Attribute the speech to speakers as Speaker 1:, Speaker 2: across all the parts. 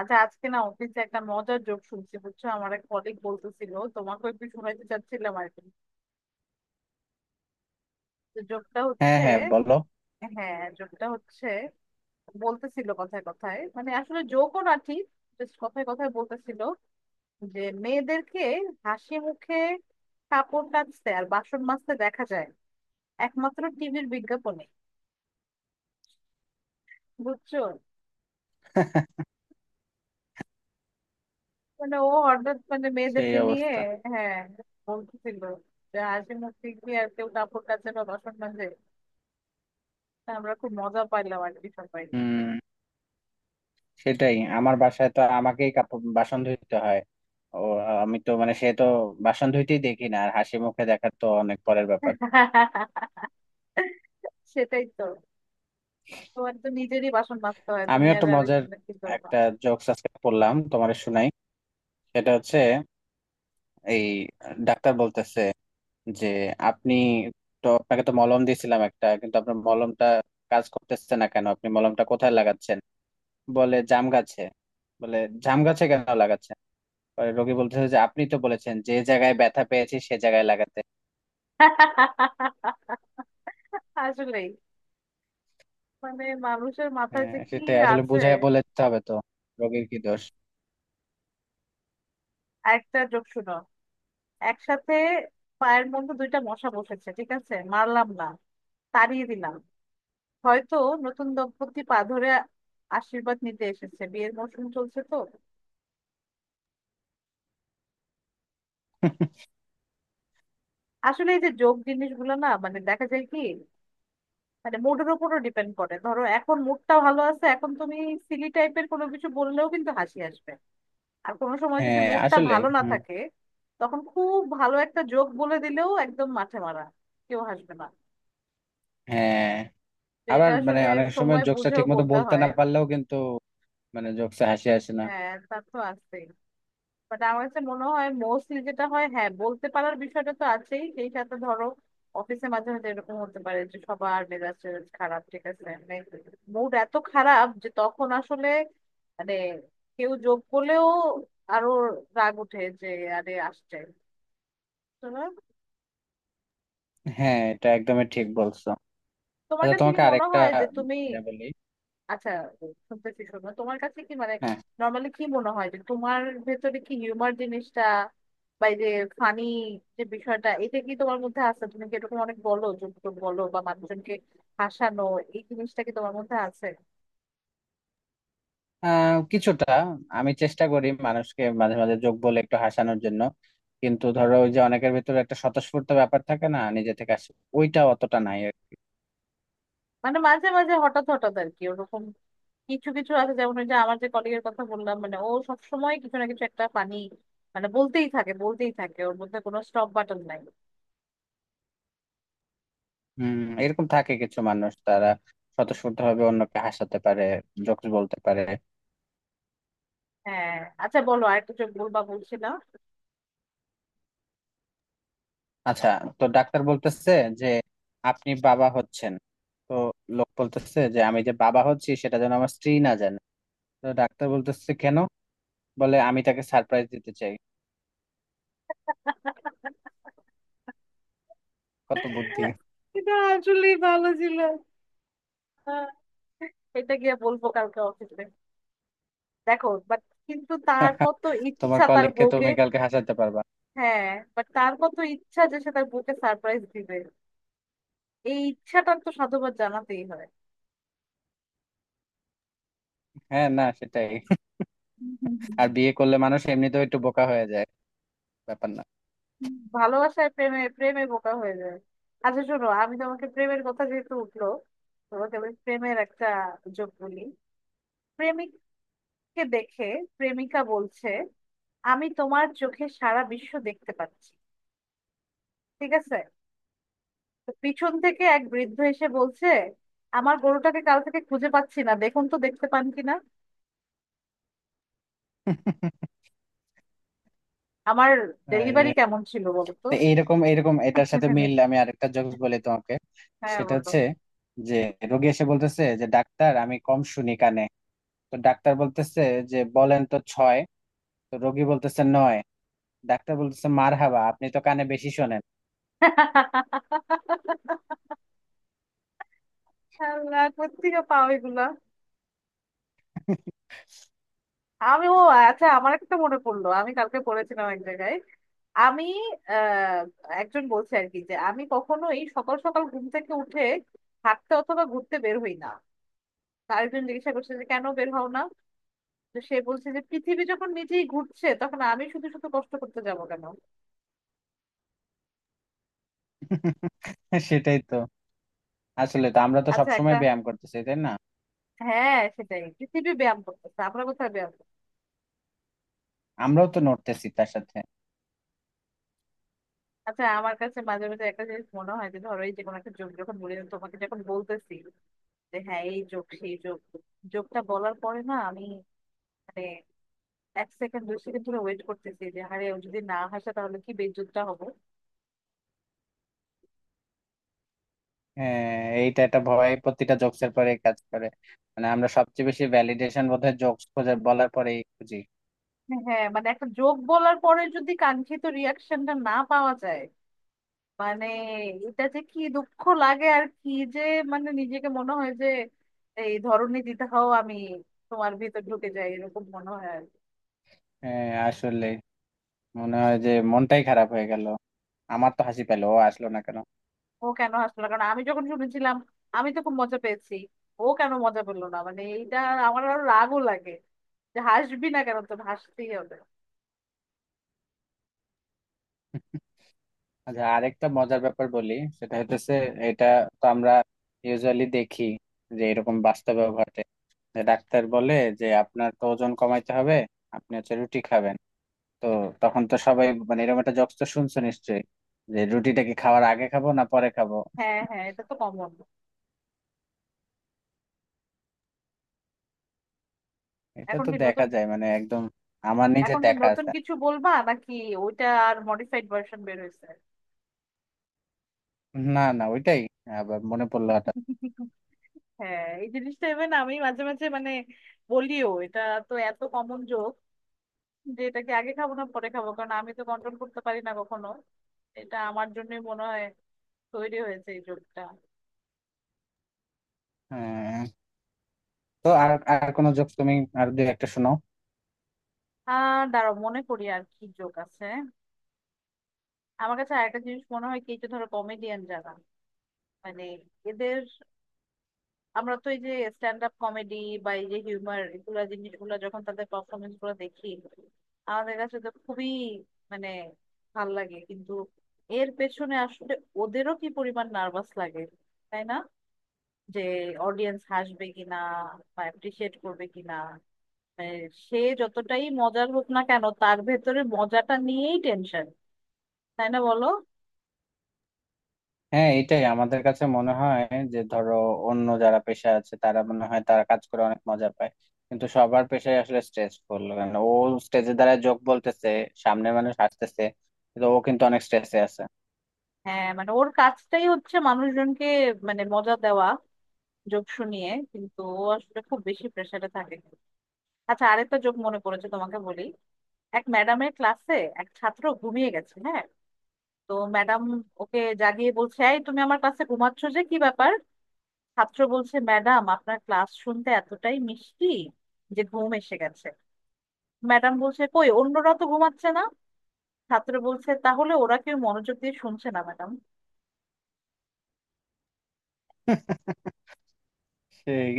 Speaker 1: আচ্ছা আজকে না অফিসে একটা মজার জোক শুনছি, বুঝছো। আমার এক কলিগ বলতেছিল, তোমাকে একটু শোনাইতে চাচ্ছিলাম আর কি। তো জোকটা
Speaker 2: হ্যাঁ
Speaker 1: হচ্ছে,
Speaker 2: হ্যাঁ বলো।
Speaker 1: হ্যাঁ জোকটা হচ্ছে, বলতেছিল কথায় কথায়, মানে আসলে জোকও না ঠিক, জাস্ট কথায় কথায় বলতেছিল যে মেয়েদেরকে হাসি মুখে কাপড় কাচতে আর বাসন মাজতে দেখা যায় একমাত্র টিভির বিজ্ঞাপনে, বুঝছো। মানে ও হঠাৎ মানে
Speaker 2: সেই
Speaker 1: মেয়েদেরকে নিয়ে,
Speaker 2: অবস্থা।
Speaker 1: হ্যাঁ বলতেছিল যে হাসি মুখে কি আর কেউ কাপড় কাচে বা বাসন মাজে। আমরা খুব মজা পাইলাম আর কি সবাই।
Speaker 2: হুম। সেটাই, আমার বাসায় তো আমাকেই কাপড় বাসন ধুইতে হয়। ও, আমি তো মানে সে তো বাসন ধুইতেই দেখি না, আর হাসি মুখে দেখা তো অনেক পরের ব্যাপার।
Speaker 1: সেটাই তো, তোমার তো নিজেরই বাসন মাজতে হয়, তুমি
Speaker 2: আমিও
Speaker 1: আর
Speaker 2: একটা মজার
Speaker 1: আরেকজনের কি করবা।
Speaker 2: একটা জোকস আজকে পড়লাম, তোমার শুনাই। সেটা হচ্ছে এই, ডাক্তার বলতেছে যে আপনি, তো আপনাকে তো মলম দিয়েছিলাম একটা, কিন্তু আপনার মলমটা কাজ করতেছে না কেন? আপনি মলমটা কোথায় লাগাচ্ছেন? বলে জাম গাছে। বলে জাম গাছে কেন লাগাচ্ছেন? পরে রোগী বলতেছে যে আপনি তো বলেছেন যে জায়গায় ব্যথা পেয়েছি সে জায়গায় লাগাতে।
Speaker 1: আসলেই, মানে মানুষের মাথায়
Speaker 2: হ্যাঁ
Speaker 1: যে কি
Speaker 2: সেটাই, আসলে
Speaker 1: আছে।
Speaker 2: বুঝায় বলে দিতে হবে তো, রোগীর কি দোষ?
Speaker 1: একটা জোক শুনো একসাথে। পায়ের মধ্যে দুইটা মশা বসেছে, ঠিক আছে, মারলাম না, তাড়িয়ে দিলাম, হয়তো নতুন দম্পতি পা ধরে আশীর্বাদ নিতে এসেছে, বিয়ের মৌসুম চলছে তো। আসলে এই যে যোগ জিনিসগুলো না, মানে দেখা যায় কি, মানে মুডের উপরও ডিপেন্ড করে। ধরো এখন মুডটা ভালো আছে, এখন তুমি সিলি টাইপের কোনো কিছু বললেও কিন্তু হাসি আসবে। আর কোনো সময় যদি
Speaker 2: হ্যাঁ
Speaker 1: মুডটা
Speaker 2: আসলে।
Speaker 1: ভালো না
Speaker 2: হুম,
Speaker 1: থাকে, তখন খুব ভালো একটা জোক বলে দিলেও একদম মাঠে মারা, কেউ হাসবে না।
Speaker 2: হ্যাঁ।
Speaker 1: তো
Speaker 2: আবার
Speaker 1: এটা
Speaker 2: মানে
Speaker 1: আসলে
Speaker 2: অনেক সময়
Speaker 1: সময়
Speaker 2: জোকসটা
Speaker 1: বুঝেও
Speaker 2: ঠিক মতো
Speaker 1: বলতে
Speaker 2: বলতে
Speaker 1: হয়।
Speaker 2: না পারলেও কিন্তু মানে জোকসে হাসি আসে না।
Speaker 1: হ্যাঁ তা তো আছে, বাট আমার কাছে মনে হয় মোস্টলি যেটা হয়, হ্যাঁ বলতে পারার বিষয়টা তো আছেই, সেই সাথে ধরো অফিসে মাঝে মাঝে এরকম হতে পারে যে সবার মেজাজ টেজাজ খারাপ, ঠিক আছে, মানে মুড এত খারাপ যে তখন আসলে মানে কেউ যোগ করলেও আরো রাগ উঠে যে আরে আসছে। তো
Speaker 2: হ্যাঁ এটা একদমই ঠিক বলছো।
Speaker 1: তোমার
Speaker 2: আচ্ছা
Speaker 1: কাছে কি
Speaker 2: তোমাকে
Speaker 1: মনে
Speaker 2: আরেকটা
Speaker 1: হয় যে তুমি,
Speaker 2: ইয়া বলি।
Speaker 1: আচ্ছা শুনতেছি শোনো, তোমার কাছে কি মানে
Speaker 2: হ্যাঁ।
Speaker 1: নর্মালি কি মনে হয় যে তোমার ভেতরে কি হিউমার জিনিসটা বা এই যে ফানি যে বিষয়টা, এটা কি তোমার মধ্যে আছে? তুমি কি এরকম অনেক বলো, জোকে বলো বা মানুষজনকে হাসানো, এই জিনিসটা কি তোমার মধ্যে আছে?
Speaker 2: কিছুটা। আমি চেষ্টা করি মানুষকে মাঝে মাঝে জোক বলে একটু হাসানোর জন্য, কিন্তু ধরো ওই যে অনেকের ভিতরে একটা স্বতঃস্ফূর্ত ব্যাপার থাকে না, নিজে থেকে আসে, ওইটা অতটা নাই।
Speaker 1: মানে মাঝে মাঝে হঠাৎ হঠাৎ আর কি ওরকম কিছু কিছু আছে, যেমন ওই যে আমার যে কলিগের কথা বললাম, মানে ও সবসময় কিছু না কিছু একটা ফানি মানে বলতেই থাকে বলতেই থাকে, ওর মধ্যে কোনো স্টপ বাটন নাই।
Speaker 2: হম, এরকম থাকে কিছু মানুষ, তারা স্বতঃস্ফূর্ত ভাবে অন্যকে হাসাতে পারে, জোকস বলতে পারে।
Speaker 1: হ্যাঁ, আচ্ছা বলো আরেকটা চোখ বলবা বলছিলাম।
Speaker 2: আচ্ছা, তো ডাক্তার বলতেছে যে আপনি বাবা হচ্ছেন। তো লোক বলতেছে যে আমি যে বাবা হচ্ছি সেটা যেন আমার স্ত্রী না জানে। তো ডাক্তার বলতেছে কেন? বলে আমি তাকে সারপ্রাইজ দিতে চাই। কত বুদ্ধি!
Speaker 1: এটা আসলেই ভালো ছিল। হ্যাঁ, এটা গিয়ে বলবো কালকে অফিসে। দেখো বাট, কিন্তু তার কত
Speaker 2: তোমার
Speaker 1: ইচ্ছা তার
Speaker 2: কলিগকে
Speaker 1: বউকে,
Speaker 2: তুমি কালকে হাসাতে পারবা।
Speaker 1: হ্যাঁ বাট তার কত ইচ্ছা যে সে তার বউকে সারপ্রাইজ দিবে, এই ইচ্ছাটার তো সাধুবাদ জানাতেই হয়।
Speaker 2: হ্যাঁ না সেটাই।
Speaker 1: হুম, হুম, হুম,
Speaker 2: আর বিয়ে করলে মানুষ এমনিতেও একটু বোকা হয়ে যায়, ব্যাপার না।
Speaker 1: হুম। ভালোবাসায় প্রেমে প্রেমে বোকা হয়ে যায়। আচ্ছা শোনো, আমি তোমাকে প্রেমের কথা যেহেতু উঠলো, তোমাকে আমি প্রেমের একটা যোগ বলি। প্রেমিককে দেখে প্রেমিকা বলছে আমি তোমার চোখে সারা বিশ্ব দেখতে পাচ্ছি, ঠিক আছে। তো পিছন থেকে এক বৃদ্ধ এসে বলছে আমার গরুটাকে কাল থেকে খুঁজে পাচ্ছি না, দেখুন তো দেখতে পান কিনা। আমার
Speaker 2: আরে,
Speaker 1: ডেলিভারি কেমন ছিল বলো তো।
Speaker 2: তো এইরকম এইরকম এটার সাথে মিল আমি আরেকটা জোকস বলি তোমাকে।
Speaker 1: হ্যাঁ
Speaker 2: সেটা
Speaker 1: বলো।
Speaker 2: হচ্ছে যে রোগী এসে বলতেছে যে ডাক্তার আমি কম শুনি কানে। তো ডাক্তার বলতেছে যে বলেন তো ছয়। তো রোগী বলতেছে নয়। ডাক্তার বলতেছে মারহাবা, আপনি তো কানে বেশি শোনেন।
Speaker 1: আল্লাহ কোত্থেকে পাও এগুলা। আমি ও, আচ্ছা আমার একটা মনে পড়লো, আমি কালকে পড়েছিলাম এক জায়গায়। আমি আহ একজন বলছে আর কি যে আমি কখনোই সকাল সকাল ঘুম থেকে উঠে হাঁটতে অথবা ঘুরতে বের হই না। তার একজন জিজ্ঞাসা করছে যে কেন বের হও না। তো সে বলছে যে পৃথিবী যখন নিজেই ঘুরছে তখন আমি শুধু শুধু কষ্ট করতে যাব কেন।
Speaker 2: সেটাই তো, আসলে তো আমরা তো
Speaker 1: আচ্ছা একটা,
Speaker 2: সবসময় ব্যায়াম করতেছি, তাই না?
Speaker 1: হ্যাঁ সেটাই, পৃথিবী ব্যায়াম করতেছে, আমরা কোথায় ব্যায়াম করছি?
Speaker 2: আমরাও তো নড়তেছি তার সাথে।
Speaker 1: আচ্ছা আমার কাছে মাঝে মাঝে একটা জিনিস মনে হয় যে ধরো এই যে কোনো একটা যোগ যখন বলি তোমাকে, যখন বলতেছি যে হ্যাঁ এই যোগ সেই যোগ, যোগটা বলার পরে না আমি মানে 1 সেকেন্ড 2 সেকেন্ড ধরে ওয়েট করতেছি যে আরে ও যদি না হাসে তাহলে কি বেইজ্জতটা হবো।
Speaker 2: হ্যাঁ, এইটা একটা ভয় প্রতিটা জোকস এর পরে কাজ করে। মানে আমরা সবচেয়ে বেশি ভ্যালিডেশন বোধহয় জোকস খোঁজার বলার পরেই খুঁজি।
Speaker 1: হ্যাঁ মানে একটা যোগ বলার পরে যদি কাঙ্ক্ষিত রিয়াকশনটা না পাওয়া যায়, মানে এটা যে কি দুঃখ লাগে আর কি, যে মানে নিজেকে মনে হয় যে এই ধরনী দিদাও, আমি তোমার ভিতর ঢুকে যাই এরকম মনে হয় আর কি।
Speaker 2: হ্যাঁ আসলে মনে হয় যে মনটাই খারাপ হয়ে গেল, আমার তো হাসি পেলো, ও আসলো না কেন?
Speaker 1: ও কেন হাসলো না? কারণ আমি যখন শুনেছিলাম আমি তো খুব মজা পেয়েছি, ও কেন মজা পেলো না মানে এইটা, আমার আরো রাগও লাগে যে হাসবি না কেন, তোর হাসতেই হবে।
Speaker 2: আচ্ছা আরেকটা মজার ব্যাপার বলি। সেটা হইতেছে এটা, তো আমরা ইউজুয়ালি দেখি যে এরকম বাস্তবেও ঘটে, যে ডাক্তার বলে যে আপনার তো ওজন কমাইতে হবে, আপনি হচ্ছে রুটি খাবেন। তো তখন তো সবাই মানে এরকম একটা জোকস তো শুনছো নিশ্চয়ই, যে রুটিটা কি খাওয়ার আগে খাবো না পরে খাবো।
Speaker 1: হ্যাঁ হ্যাঁ এটা তো কমন।
Speaker 2: এটা
Speaker 1: এখন
Speaker 2: তো
Speaker 1: কি
Speaker 2: দেখা
Speaker 1: নতুন,
Speaker 2: যায় মানে একদম, আমার নিজের
Speaker 1: এখন কি
Speaker 2: দেখা
Speaker 1: নতুন
Speaker 2: আছে।
Speaker 1: কিছু বলবা নাকি ওইটা আর মডিফাইড ভার্সন বের হয়েছে।
Speaker 2: না না ওইটাই, আবার মনে পড়লো হঠাৎ।
Speaker 1: হ্যাঁ এই জিনিসটা ইভেন আমি মাঝে মাঝে মানে বলিও এটা, তো এত কমন জোক যে এটাকে আগে খাবো না পরে খাবো, কারণ আমি তো কন্ট্রোল করতে পারি না কখনো, এটা আমার জন্যই মনে হয় তৈরি হয়েছে এই জোকটা।
Speaker 2: হ্যাঁ, তো আর আর কোনো জোক তুমি আর দুই একটা শোনাও।
Speaker 1: আর দাঁড়াও মনে করি আর কি জোক আছে। আমার কাছে আরেকটা জিনিস মনে হয় কি, এই যে ধরো কমেডিয়ান যারা, মানে এদের, আমরা তো এই যে স্ট্যান্ড আপ কমেডি বা এই যে হিউমার এগুলা জিনিসগুলো যখন তাদের পারফরমেন্স গুলো দেখি, আমাদের কাছে তো খুবই মানে ভাল লাগে, কিন্তু এর পেছনে আসলে ওদেরও কি পরিমাণ নার্ভাস লাগে, তাই না, যে অডিয়েন্স হাসবে কিনা বা অ্যাপ্রিসিয়েট করবে কিনা, মানে সে যতটাই মজার হোক না কেন তার ভেতরে মজাটা নিয়েই টেনশন, তাই না বলো।
Speaker 2: হ্যাঁ এটাই আমাদের কাছে মনে হয়, যে ধরো অন্য যারা পেশা আছে তারা মনে হয় তারা কাজ করে অনেক মজা পায়, কিন্তু সবার পেশায় আসলে স্ট্রেসফুল। কারণ ও স্টেজে দ্বারা জোক বলতেছে, সামনের মানুষ হাসতেছে, কিন্তু ও কিন্তু অনেক স্ট্রেসে আছে।
Speaker 1: হ্যাঁ মানে ওর কাজটাই হচ্ছে মানুষজনকে মানে মজা দেওয়া, যোগসু নিয়ে, কিন্তু ও আসলে খুব বেশি প্রেসারে থাকে। আচ্ছা আরেকটা যোগ মনে পড়েছে তোমাকে বলি। এক ম্যাডামের ক্লাসে এক ছাত্র ঘুমিয়ে গেছে, হ্যাঁ। তো ম্যাডাম ওকে জাগিয়ে বলছে এই তুমি আমার ক্লাসে ঘুমাচ্ছ, যে কি ব্যাপার। ছাত্র বলছে ম্যাডাম আপনার ক্লাস শুনতে এতটাই মিষ্টি যে ঘুম এসে গেছে। ম্যাডাম বলছে কই অন্যরা তো ঘুমাচ্ছে না। ছাত্র বলছে তাহলে ওরা কেউ মনোযোগ দিয়ে শুনছে না ম্যাডাম।
Speaker 2: সেই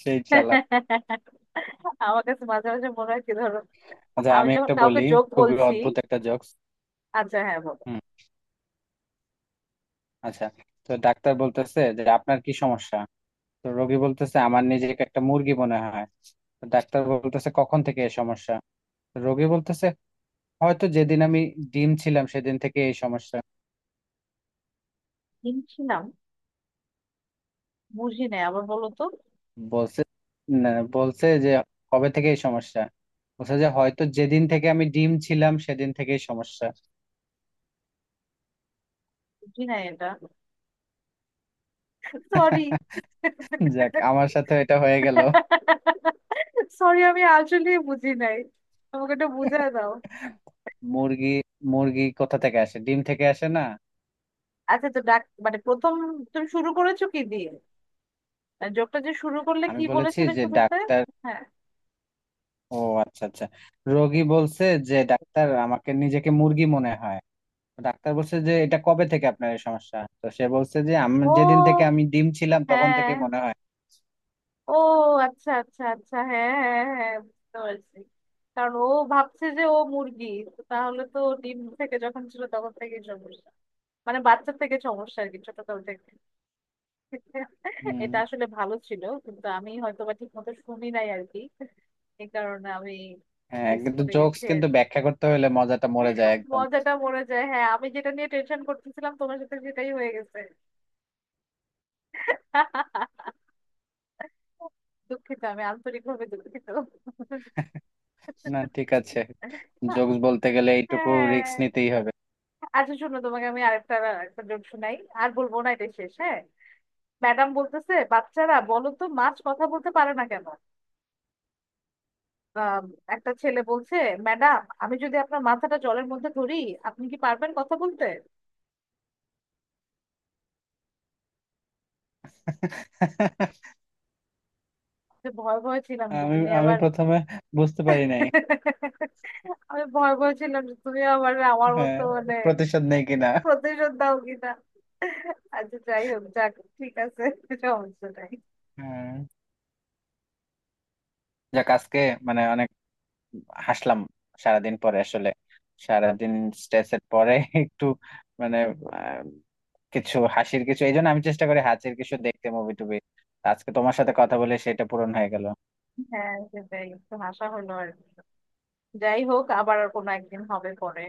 Speaker 2: সেই চালাক।
Speaker 1: আমার কাছে মাঝে মাঝে মনে হয় কি ধরো
Speaker 2: আচ্ছা
Speaker 1: আমি
Speaker 2: আমি
Speaker 1: যখন
Speaker 2: একটা
Speaker 1: কাউকে
Speaker 2: বলি,
Speaker 1: যোগ
Speaker 2: খুবই
Speaker 1: বলছি,
Speaker 2: অদ্ভুত একটা জোকস।
Speaker 1: আচ্ছা হ্যাঁ বলো।
Speaker 2: হুম। আচ্ছা, তো ডাক্তার বলতেছে যে আপনার কি সমস্যা। তো রোগী বলতেছে আমার নিজেকে একটা মুরগি মনে হয়। তো ডাক্তার বলতেছে কখন থেকে এই সমস্যা। রোগী বলতেছে হয়তো যেদিন আমি ডিম ছিলাম সেদিন থেকে এই সমস্যা।
Speaker 1: কিনছিলাম, বুঝি নাই আবার বলো তো।
Speaker 2: বলছে, না, বলছে যে কবে থেকে এই সমস্যা। বলছে যে হয়তো যেদিন থেকে আমি ডিম ছিলাম সেদিন থেকেই সমস্যা।
Speaker 1: বুঝি নাই এটা, সরি।
Speaker 2: যাক, আমার সাথে এটা হয়ে গেল।
Speaker 1: সরি আমি আসলে বুঝি নাই, আমাকে এটা বুঝিয়ে দাও।
Speaker 2: মুরগি, মুরগি কোথা থেকে আসে? ডিম থেকে আসে না?
Speaker 1: আচ্ছা তো ডাক মানে প্রথম, তুমি শুরু করেছো কি দিয়ে, মানে জোকটা যে শুরু করলে
Speaker 2: আমি
Speaker 1: কি
Speaker 2: বলেছি
Speaker 1: বলেছিলে
Speaker 2: যে
Speaker 1: শুরুতে।
Speaker 2: ডাক্তার,
Speaker 1: হ্যাঁ,
Speaker 2: ও আচ্ছা আচ্ছা, রোগী বলছে যে ডাক্তার আমাকে নিজেকে মুরগি মনে হয়। ডাক্তার বলছে যে এটা কবে থেকে আপনার এই সমস্যা, তো সে বলছে যে আমি যেদিন থেকে
Speaker 1: ও,
Speaker 2: আমি ডিম ছিলাম তখন
Speaker 1: হ্যাঁ,
Speaker 2: থেকে মনে হয়।
Speaker 1: ও, আচ্ছা আচ্ছা আচ্ছা হ্যাঁ হ্যাঁ হ্যাঁ হ্যাঁ, বুঝতে পারছি। কারণ ও ভাবছে যে ও মুরগি, তো তাহলে তো ডিম থেকে যখন ছিল তখন থেকেই সমস্যা, মানে বাচ্চা থেকে সমস্যা আর কি, ছোটকাল থেকে।
Speaker 2: হুম।
Speaker 1: এটা আসলে ভালো ছিল কিন্তু আমি হয়তো বা ঠিক মতো শুনি নাই আর কি, এই কারণে আমি
Speaker 2: হ্যাঁ,
Speaker 1: মিস
Speaker 2: কিন্তু
Speaker 1: করে
Speaker 2: জোকস
Speaker 1: গেছি আর
Speaker 2: কিন্তু
Speaker 1: কি।
Speaker 2: ব্যাখ্যা করতে হলে মজাটা মরে যায় একদম।
Speaker 1: মজাটা মরে যায় হ্যাঁ, আমি যেটা নিয়ে টেনশন করতেছিলাম তোমার সাথে সেটাই হয়ে গেছে। দুঃখিত, আমি আন্তরিকভাবে দুঃখিত।
Speaker 2: না ঠিক আছে, জোকস বলতে গেলে এইটুকু রিস্ক
Speaker 1: হ্যাঁ
Speaker 2: নিতেই হবে।
Speaker 1: আচ্ছা শোনো তোমাকে আমি আরেকটা, একটা জোক শোনাই, আর বলবো না এটা শেষ, হ্যাঁ। ম্যাডাম বলতেছে বাচ্চারা বলো তো মাছ কথা বলতে পারে না কেন। আম, একটা ছেলে বলছে ম্যাডাম আমি যদি আপনার মাথাটা জলের মধ্যে ধরি আপনি কি পারবেন কথা বলতে। যে ভয় ভয় ছিলাম যে
Speaker 2: আমি
Speaker 1: তুমি
Speaker 2: আমি
Speaker 1: আবার,
Speaker 2: প্রথমে বুঝতে পারি নাই।
Speaker 1: আমি ভয় ভয় ছিলাম যে তুমি আবার আমার
Speaker 2: হ্যাঁ,
Speaker 1: মতো মানে
Speaker 2: প্রতিশোধ নেই কিনা।
Speaker 1: প্রতিশোধ দাও কিনা। আচ্ছা যাই হোক যাক, ঠিক আছে, সমস্যা নাই।
Speaker 2: হ্যাঁ, যাক আজকে মানে অনেক হাসলাম। সারাদিন পরে আসলে, সারাদিন স্ট্রেসের পরে একটু মানে আহ, কিছু হাসির কিছু, এই জন্য আমি চেষ্টা করি হাসির কিছু দেখতে, মুভি টুবি। আজকে তোমার সাথে কথা বলে সেটা পূরণ হয়ে গেল।
Speaker 1: হ্যাঁ সেটাই, একটু হাসা হলো আর কি। যাই হোক আবার কোনো একদিন হবে পরে।